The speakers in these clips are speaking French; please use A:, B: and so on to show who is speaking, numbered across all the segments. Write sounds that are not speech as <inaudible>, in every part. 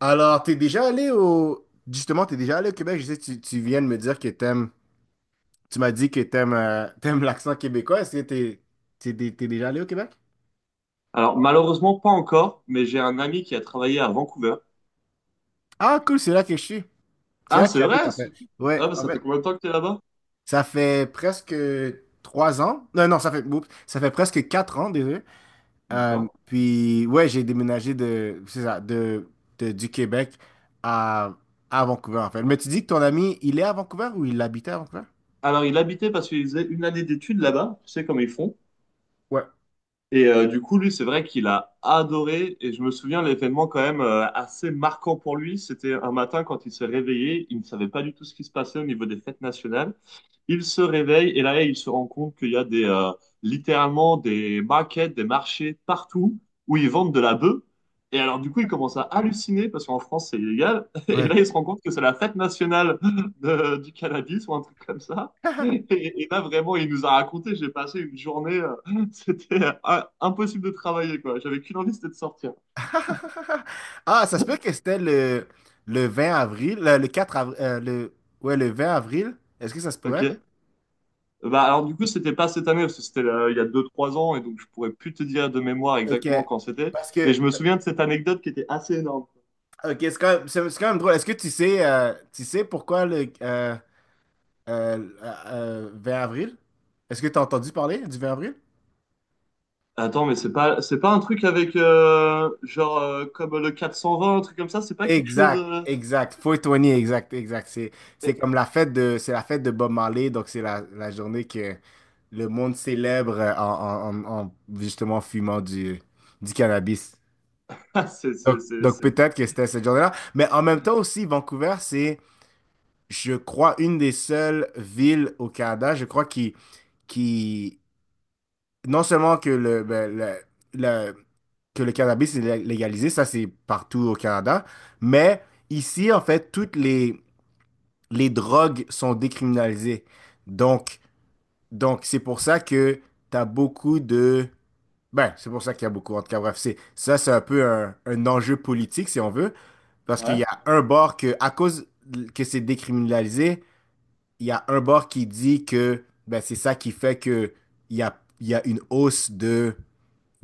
A: Alors, t'es déjà allé au... Justement, t'es déjà allé au Québec. Je sais, que tu viens de me dire que t'aimes... Tu m'as dit que t'aimes l'accent québécois. Est-ce que t'es déjà allé au Québec?
B: Alors, malheureusement, pas encore, mais j'ai un ami qui a travaillé à Vancouver.
A: Ah, cool, c'est là que je suis. C'est
B: Ah,
A: là que
B: c'est
A: j'habite,
B: vrai?
A: en fait. Ouais,
B: Ah, bah,
A: en
B: ça fait
A: fait,
B: combien de temps que t'es là-bas?
A: ça fait presque 3 ans. Non, non, oups, ça fait presque 4 ans, désolé.
B: D'accord.
A: Puis, ouais, j'ai déménagé c'est ça, du Québec à, à Vancouver, en fait. Mais tu dis que ton ami, il est à Vancouver ou il habitait à Vancouver?
B: Alors, il habitait parce qu'il faisait une année d'études là-bas. Tu sais comment ils font.
A: Ouais,
B: Et du coup, lui, c'est vrai qu'il a adoré. Et je me souviens l'événement quand même assez marquant pour lui. C'était un matin quand il s'est réveillé, il ne savait pas du tout ce qui se passait au niveau des fêtes nationales. Il se réveille et là, il se rend compte qu'il y a des littéralement des markets, des marchés partout où ils vendent de la bœuf. Et alors, du coup, il commence à halluciner parce qu'en France, c'est illégal. <laughs> Et
A: ouais.
B: là, il se rend compte que c'est la fête nationale du cannabis ou un truc comme ça. Et, et là, vraiment, il nous a raconté, j'ai passé une journée. <laughs> C'était impossible de travailler, quoi. J'avais qu'une envie, c'était de sortir.
A: <laughs> Ah, ça se peut que
B: <laughs>
A: c'était le 20 avril, le 4 avril, ouais, le 20 avril. Est-ce que ça se pourrait?
B: Ok. Bah, alors, du coup, c'était pas cette année, parce que c'était il y a deux trois ans, et donc je pourrais plus te dire de mémoire
A: OK.
B: exactement quand c'était.
A: Parce
B: Mais
A: que,
B: je me souviens de cette anecdote qui était assez énorme.
A: OK, c'est quand même, c'est quand même drôle. Est-ce que tu sais pourquoi le euh, 20 avril? Est-ce que tu as entendu parler du 20 avril?
B: Attends, mais c'est pas un truc avec, genre, comme le 420, un truc comme ça, c'est pas quelque chose.
A: Exact,
B: euh,
A: exact. 420, exact, exact. C'est comme
B: <laughs>
A: la fête de, c'est la fête de Bob Marley, donc c'est la journée que le monde célèbre en justement fumant du cannabis.
B: Ah,
A: Donc peut-être que c'était cette journée-là. Mais en même temps aussi, Vancouver, c'est, je crois, une des seules villes au Canada, je crois, qui non seulement que le, ben, le- que le cannabis est légalisé, ça c'est partout au Canada, mais... Ici, en fait, toutes les drogues sont décriminalisées. Donc, donc c'est pour ça que t'as beaucoup de... Ben, c'est pour ça qu'il y a beaucoup, en tout cas, bref, c'est, ça, c'est un peu un enjeu politique, si on veut, parce qu'il y
B: Ouais.
A: a un bord que, à cause que c'est décriminalisé, il y a un bord qui dit que, ben, c'est ça qui fait que il y a une hausse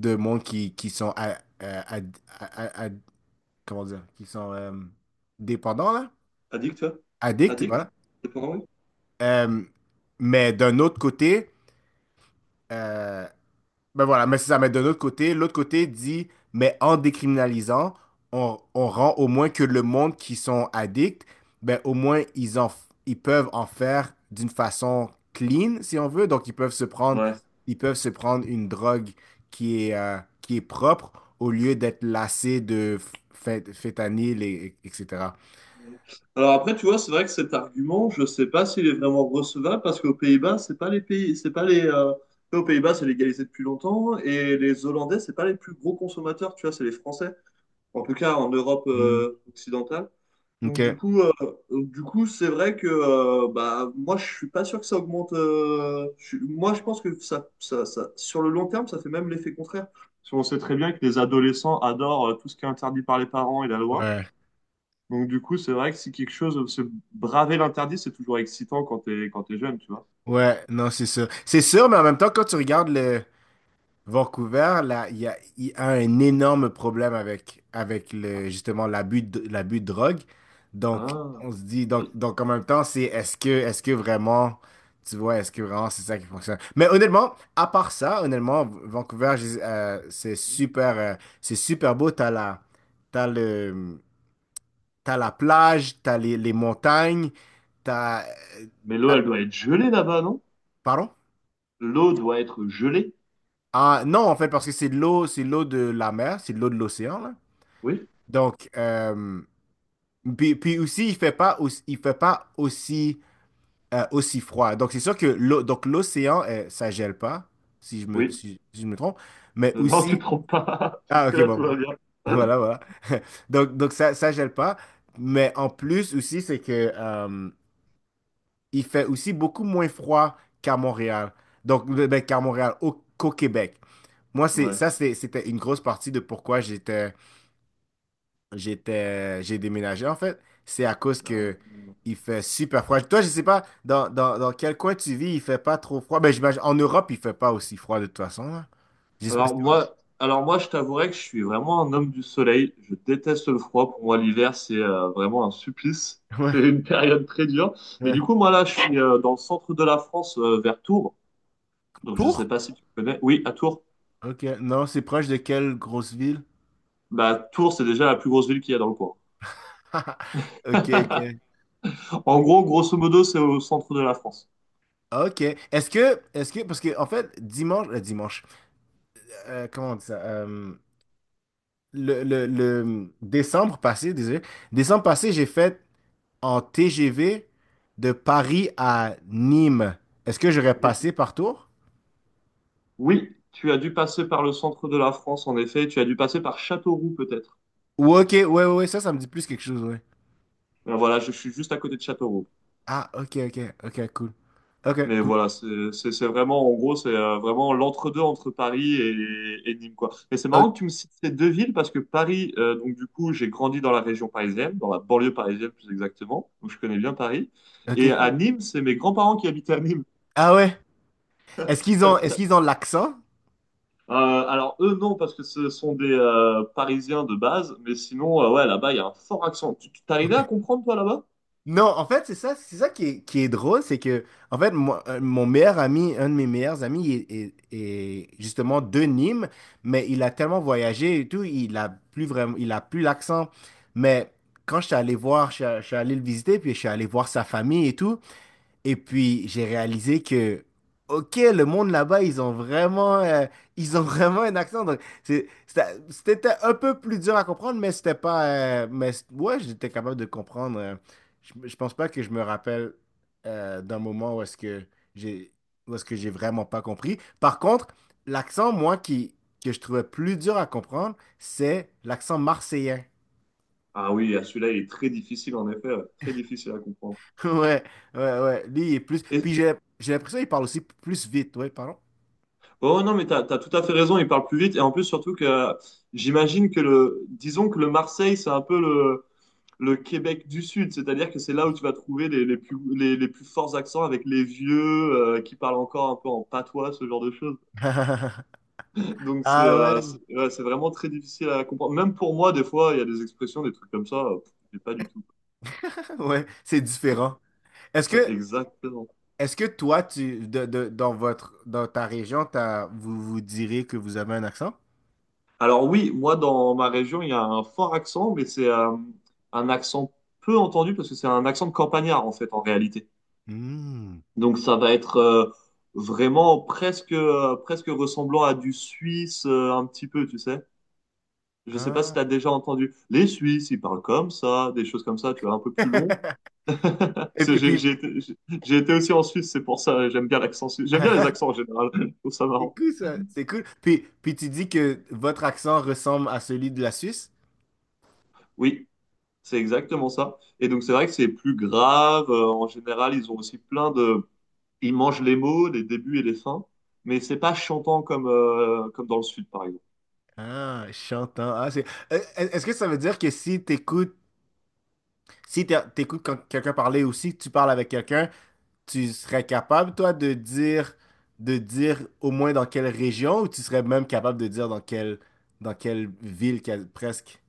A: de monde qui sont, à- à- comment dire, qui sont dépendants, là,
B: Addict, toi?
A: addicts,
B: Addict?
A: voilà.
B: C'est pas vrai.
A: Euh, mais d'un autre côté, Euh, ben voilà, mais c'est ça. Mais de l'autre côté dit, mais en décriminalisant, on rend au moins que le monde qui sont addicts, ben au moins ils peuvent en faire d'une façon clean, si on veut. Donc ils peuvent se prendre,
B: Ouais.
A: ils peuvent se prendre une drogue qui est propre au lieu d'être lassés de phétanyl etc.
B: Alors après, tu vois, c'est vrai que cet argument, je ne sais pas s'il est vraiment recevable parce qu'aux Pays-Bas, c'est pas les pays, c'est pas les. Aux Pays-Bas, c'est légalisé depuis longtemps et les Hollandais, c'est pas les plus gros consommateurs, tu vois, c'est les Français, en tout cas en Europe
A: Hmm.
B: occidentale.
A: Ok.
B: Donc du coup, c'est vrai que bah moi, je suis pas sûr que ça augmente. Moi, je pense que ça, sur le long terme, ça fait même l'effet contraire. Parce qu'on sait très bien que les adolescents adorent tout ce qui est interdit par les parents et la loi.
A: Ouais.
B: Donc, du coup, c'est vrai que si quelque chose, se braver l'interdit, c'est toujours excitant quand t'es jeune, tu vois.
A: Ouais, non, c'est sûr. C'est sûr, mais en même temps, quand tu regardes Vancouver, là, il y a un énorme problème avec, justement l'abus de drogue. Donc,
B: Ah,
A: on se dit, donc en même temps, c'est est-ce que vraiment, tu vois, est-ce que vraiment c'est ça qui fonctionne? Mais honnêtement, à part ça, honnêtement, Vancouver, c'est super beau. T'as le, t'as la plage, t'as les montagnes, t'as, euh,
B: mais l'eau,
A: t'as-
B: elle doit être gelée là-bas, non?
A: pardon?
B: L'eau doit être gelée.
A: Ah, non, en fait, parce que c'est de l'eau de la mer, c'est de l'eau de l'océan, là.
B: Oui,
A: Donc, puis aussi, il fait pas aussi, aussi froid. Donc, c'est sûr que l'eau, donc l'océan, ça gèle pas, si je me,
B: oui.
A: si je me trompe. Mais
B: Non, tu te
A: aussi,
B: trompes pas. <laughs>
A: ah, ok,
B: Jusque-là,
A: bon,
B: tout va
A: bon.
B: bien.
A: Voilà,
B: <laughs>
A: voilà. <laughs> Donc ça gèle pas. Mais en plus aussi, c'est que il fait aussi beaucoup moins froid qu'à Montréal. Donc, ben, ben, qu'à Montréal, au, qu'au Québec. Moi, c'est
B: Ouais.
A: ça, c'était une grosse partie de pourquoi j'étais, j'ai déménagé en fait, c'est à cause
B: Ah.
A: que il fait super froid. Toi, je sais pas dans quel coin tu vis, il fait pas trop froid. Ben, j'imagine en Europe, il fait pas aussi froid de toute façon là. Je sais pas si
B: Alors
A: en Europe.
B: moi, je t'avouerais que je suis vraiment un homme du soleil. Je déteste le froid. Pour moi, l'hiver, c'est vraiment un supplice.
A: <laughs>
B: <laughs>
A: Ouais,
B: C'est une période très dure. Mais du
A: ouais.
B: coup, moi là, je suis dans le centre de la France, vers Tours. Donc, je sais
A: Tours?
B: pas si tu connais. Oui, à Tours.
A: Ok, non, c'est proche de quelle grosse ville?
B: Bah, Tours, c'est déjà la plus grosse ville qu'il y a dans le coin.
A: <laughs> Ok, ok.
B: <laughs> En gros, grosso modo, c'est au centre de la France.
A: Ok. Est-ce que, parce que en fait, dimanche, comment on dit ça? Le décembre passé, désolé, décembre passé, j'ai fait en TGV de Paris à Nîmes, est-ce que j'aurais
B: Oui.
A: passé par Tours?
B: Oui, tu as dû passer par le centre de la France, en effet. Tu as dû passer par Châteauroux, peut-être.
A: Ou ok, ouais, ouais, ouais, ça me dit plus quelque chose, ouais.
B: Voilà, je suis juste à côté de Châteauroux.
A: Ah, ok, ok, ok, cool. Ok,
B: Mais
A: cool.
B: voilà, c'est vraiment, en gros, c'est vraiment l'entre-deux entre Paris et Nîmes, quoi. Et c'est marrant que
A: Ok,
B: tu me cites ces deux villes parce que Paris, donc du coup, j'ai grandi dans la région parisienne, dans la banlieue parisienne plus exactement. Donc je connais bien Paris.
A: ok,
B: Et à
A: cool.
B: Nîmes, c'est mes grands-parents qui habitaient à Nîmes.
A: Ah ouais. Est-ce
B: <laughs>
A: qu'ils ont l'accent?
B: Alors eux non parce que ce sont des Parisiens de base, mais sinon ouais là-bas il y a un fort accent. Tu t'arrivais à comprendre toi là-bas?
A: Non, en fait, c'est ça qui est drôle, c'est que, en fait, moi, mon meilleur ami, un de mes meilleurs amis, est justement de Nîmes, mais il a tellement voyagé et tout, il a plus vraiment, il a plus l'accent. Mais quand je suis allé voir, je suis allé le visiter, puis je suis allé voir sa famille et tout, et puis, j'ai réalisé que, OK, le monde là-bas, ils ont vraiment, ils ont <laughs> vraiment un accent. Donc, c'était un peu plus dur à comprendre, mais c'était pas. Mais ouais, j'étais capable de comprendre. Je pense pas que je me rappelle d'un moment où est-ce que j'ai, où est-ce que j'ai vraiment pas compris. Par contre, l'accent, moi, qui, que je trouvais plus dur à comprendre, c'est l'accent marseillais. <laughs>
B: Ah oui, ah, celui-là il est très difficile en effet, ouais. Très difficile à comprendre.
A: Ouais, ouais, ouais. Lui, il est plus.
B: Et,
A: Puis j'ai l'impression qu'il parle aussi plus vite. Ouais, pardon.
B: oh non mais t'as tout à fait raison, il parle plus vite et en plus surtout que j'imagine que le disons que le Marseille c'est un peu le Québec du Sud, c'est-à-dire que c'est là où tu vas trouver les plus forts accents avec les vieux qui parlent encore un peu en patois, ce genre de choses.
A: <laughs>
B: Donc
A: Ah ouais,
B: c'est ouais, c'est vraiment très difficile à comprendre. Même pour moi, des fois, il y a des expressions, des trucs comme ça, pff, j'ai pas du tout.
A: <laughs> ouais, c'est différent. Est-ce
B: Ouais, <laughs>
A: que,
B: exactement.
A: est-ce que toi, tu, dans votre, dans ta région, t'as- vous vous direz que vous avez un accent?
B: Alors oui, moi dans ma région, il y a un fort accent, mais c'est un accent peu entendu parce que c'est un accent de campagnard en fait en réalité.
A: Hmm.
B: Donc ça va être vraiment presque ressemblant à du suisse un petit peu, tu sais. Je sais pas si
A: Ah.
B: tu as déjà entendu. Les Suisses, ils parlent comme ça, des choses comme ça, tu vois, un peu plus long.
A: <laughs>
B: Parce
A: Et puis,
B: J'ai été, j'ai- J'ai été aussi en Suisse, c'est pour ça, j'aime bien l'accent suisse. J'aime bien les
A: <laughs>
B: accents en général, <laughs> je trouve ça
A: c'est
B: marrant.
A: cool ça, c'est cool. Puis tu dis que votre accent ressemble à celui de la Suisse?
B: Oui, c'est exactement ça. Et donc c'est vrai que c'est plus grave, en général, ils ont aussi plein de... Ils mangent les mots, les débuts et les fins, mais c'est pas chantant comme, comme dans le sud, par exemple.
A: Ah, chantant. Ah, c'est. Est-ce que ça veut dire que si t'écoutes, si t'é- t'écoutes quand quelqu'un parler aussi, tu parles avec quelqu'un? Tu serais capable, toi, de dire au moins dans quelle région ou tu serais même capable de dire dans quelle ville quel- presque?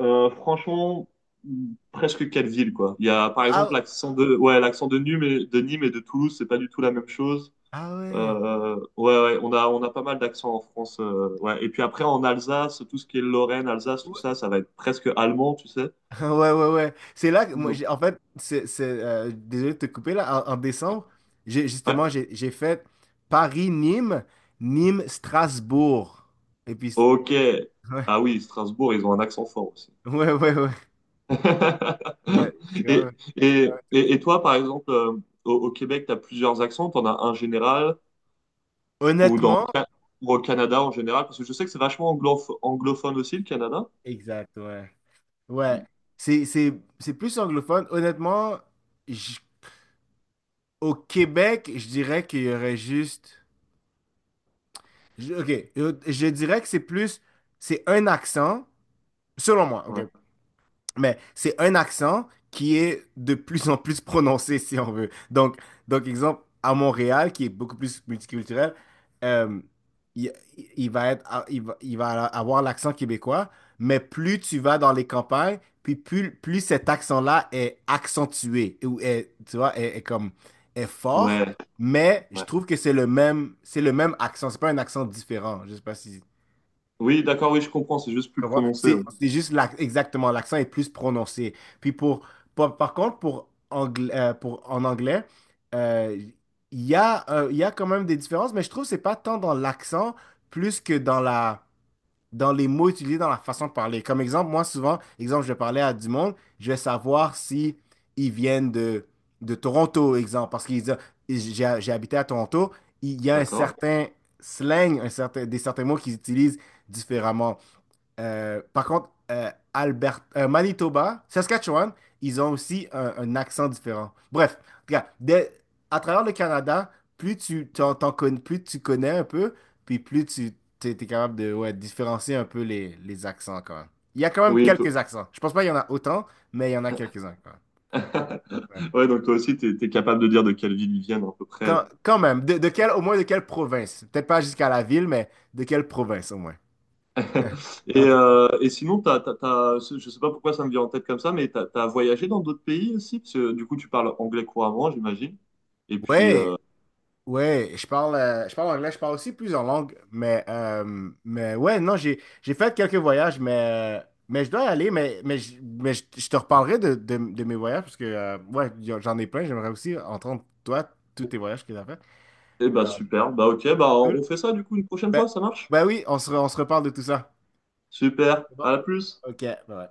B: Franchement, presque quelle ville, quoi. Il y a par exemple
A: Ah,
B: l'accent de... Ouais, l'accent de Nîmes et de Toulouse, c'est pas du tout la même chose.
A: ah ouais.
B: Ouais, ouais, on a pas mal d'accents en France. Ouais. Et puis après, en Alsace, tout ce qui est Lorraine, Alsace, tout
A: Ouais,
B: ça, ça va être presque allemand, tu sais.
A: <laughs> ouais, ouais. Ouais. C'est là que moi,
B: Non.
A: en fait, c'est, désolé de te couper là. En, en décembre, j'ai,
B: Ouais.
A: justement, j'ai fait Paris-Nîmes, Nîmes-Strasbourg. Et puis,
B: Ok.
A: ouais,
B: Ah oui, Strasbourg, ils ont un accent fort aussi.
A: <laughs> ouais, ouais, ouais.
B: <laughs>
A: Ouais, c'est
B: Et,
A: quand même
B: et, et,
A: intéressant.
B: et toi, par exemple, au Québec, tu as plusieurs accents. Tu en as un général, Ou dans le
A: Honnêtement,
B: Ca- ou au Canada en général, parce que je sais que c'est vachement anglophone aussi, le Canada.
A: exact, ouais. Ouais, c'est, c'est, c'est plus anglophone. Honnêtement, j- au Québec, je dirais qu'il y aurait juste... ok, je dirais que c'est plus... C'est un accent, selon moi, ok?
B: Ouais.
A: Mais c'est un accent qui est de plus en plus prononcé, si on veut. Donc exemple, à Montréal, qui est beaucoup plus multiculturel, euh, il, il va être, ah, il va avoir l'accent québécois, mais plus tu vas dans les campagnes, puis plus, plus cet accent-là est accentué, ou est, tu vois, est comme, est fort,
B: Ouais,
A: mais je
B: ouais.
A: trouve que c'est le même accent, c'est pas un accent différent. Je sais pas si
B: Oui, d'accord, oui, je comprends, c'est juste plus
A: comprends?
B: prononcé. Ouais.
A: C'est juste exactement, l'accent est plus prononcé. Puis pour, par par contre, pour, en anglais, euh, il y a quand même des différences, mais je trouve que c'est pas tant dans l'accent plus que dans la, dans les mots utilisés, dans la façon de parler. Comme exemple, moi souvent, exemple, je vais parler à du monde, je vais savoir si ils viennent de Toronto, exemple, parce qu'ils disent, j'ai habité à Toronto, il y a un
B: D'accord.
A: certain slang, un certain, des certains mots qu'ils utilisent différemment. Par contre, Albert, Manitoba, Saskatchewan, ils ont aussi un accent différent. Bref, regarde, à travers le Canada, plus tu plus tu connais un peu, puis plus tu t'es capable de ouais, différencier un peu les accents quand même. Il y a quand même
B: Oui, toi...
A: quelques accents. Je pense pas qu'il y en a autant, mais il y en a quelques-uns quand même. Ouais.
B: <laughs> Ouais, donc toi aussi, t'es capable de dire de quelle ville ils viennent à peu près.
A: Quand, quand même, de quelle, au moins de quelle province? Peut-être pas jusqu'à la ville, mais de quelle province au moins?
B: <laughs>
A: En tout cas.
B: Et sinon, je sais pas pourquoi ça me vient en tête comme ça, mais t'as voyagé dans d'autres pays aussi? Parce que du coup, tu parles anglais couramment, j'imagine. Et puis,
A: Ouais, ouais, je parle anglais, je parle aussi plusieurs langues, mais ouais, non, j'ai fait quelques voyages, mais je dois y aller, mais, je, je te reparlerai de mes voyages, parce que, ouais, j'en ai plein, j'aimerais aussi entendre, toi, tous tes voyages que tu as fait.
B: eh bah
A: Ah,
B: super, bah ok, bah
A: cool.
B: on fait ça du coup une prochaine
A: Ben,
B: fois, ça marche?
A: ben oui, on se reparle de tout ça.
B: Super,
A: C'est
B: à
A: bon.
B: la plus!
A: Ok, bye.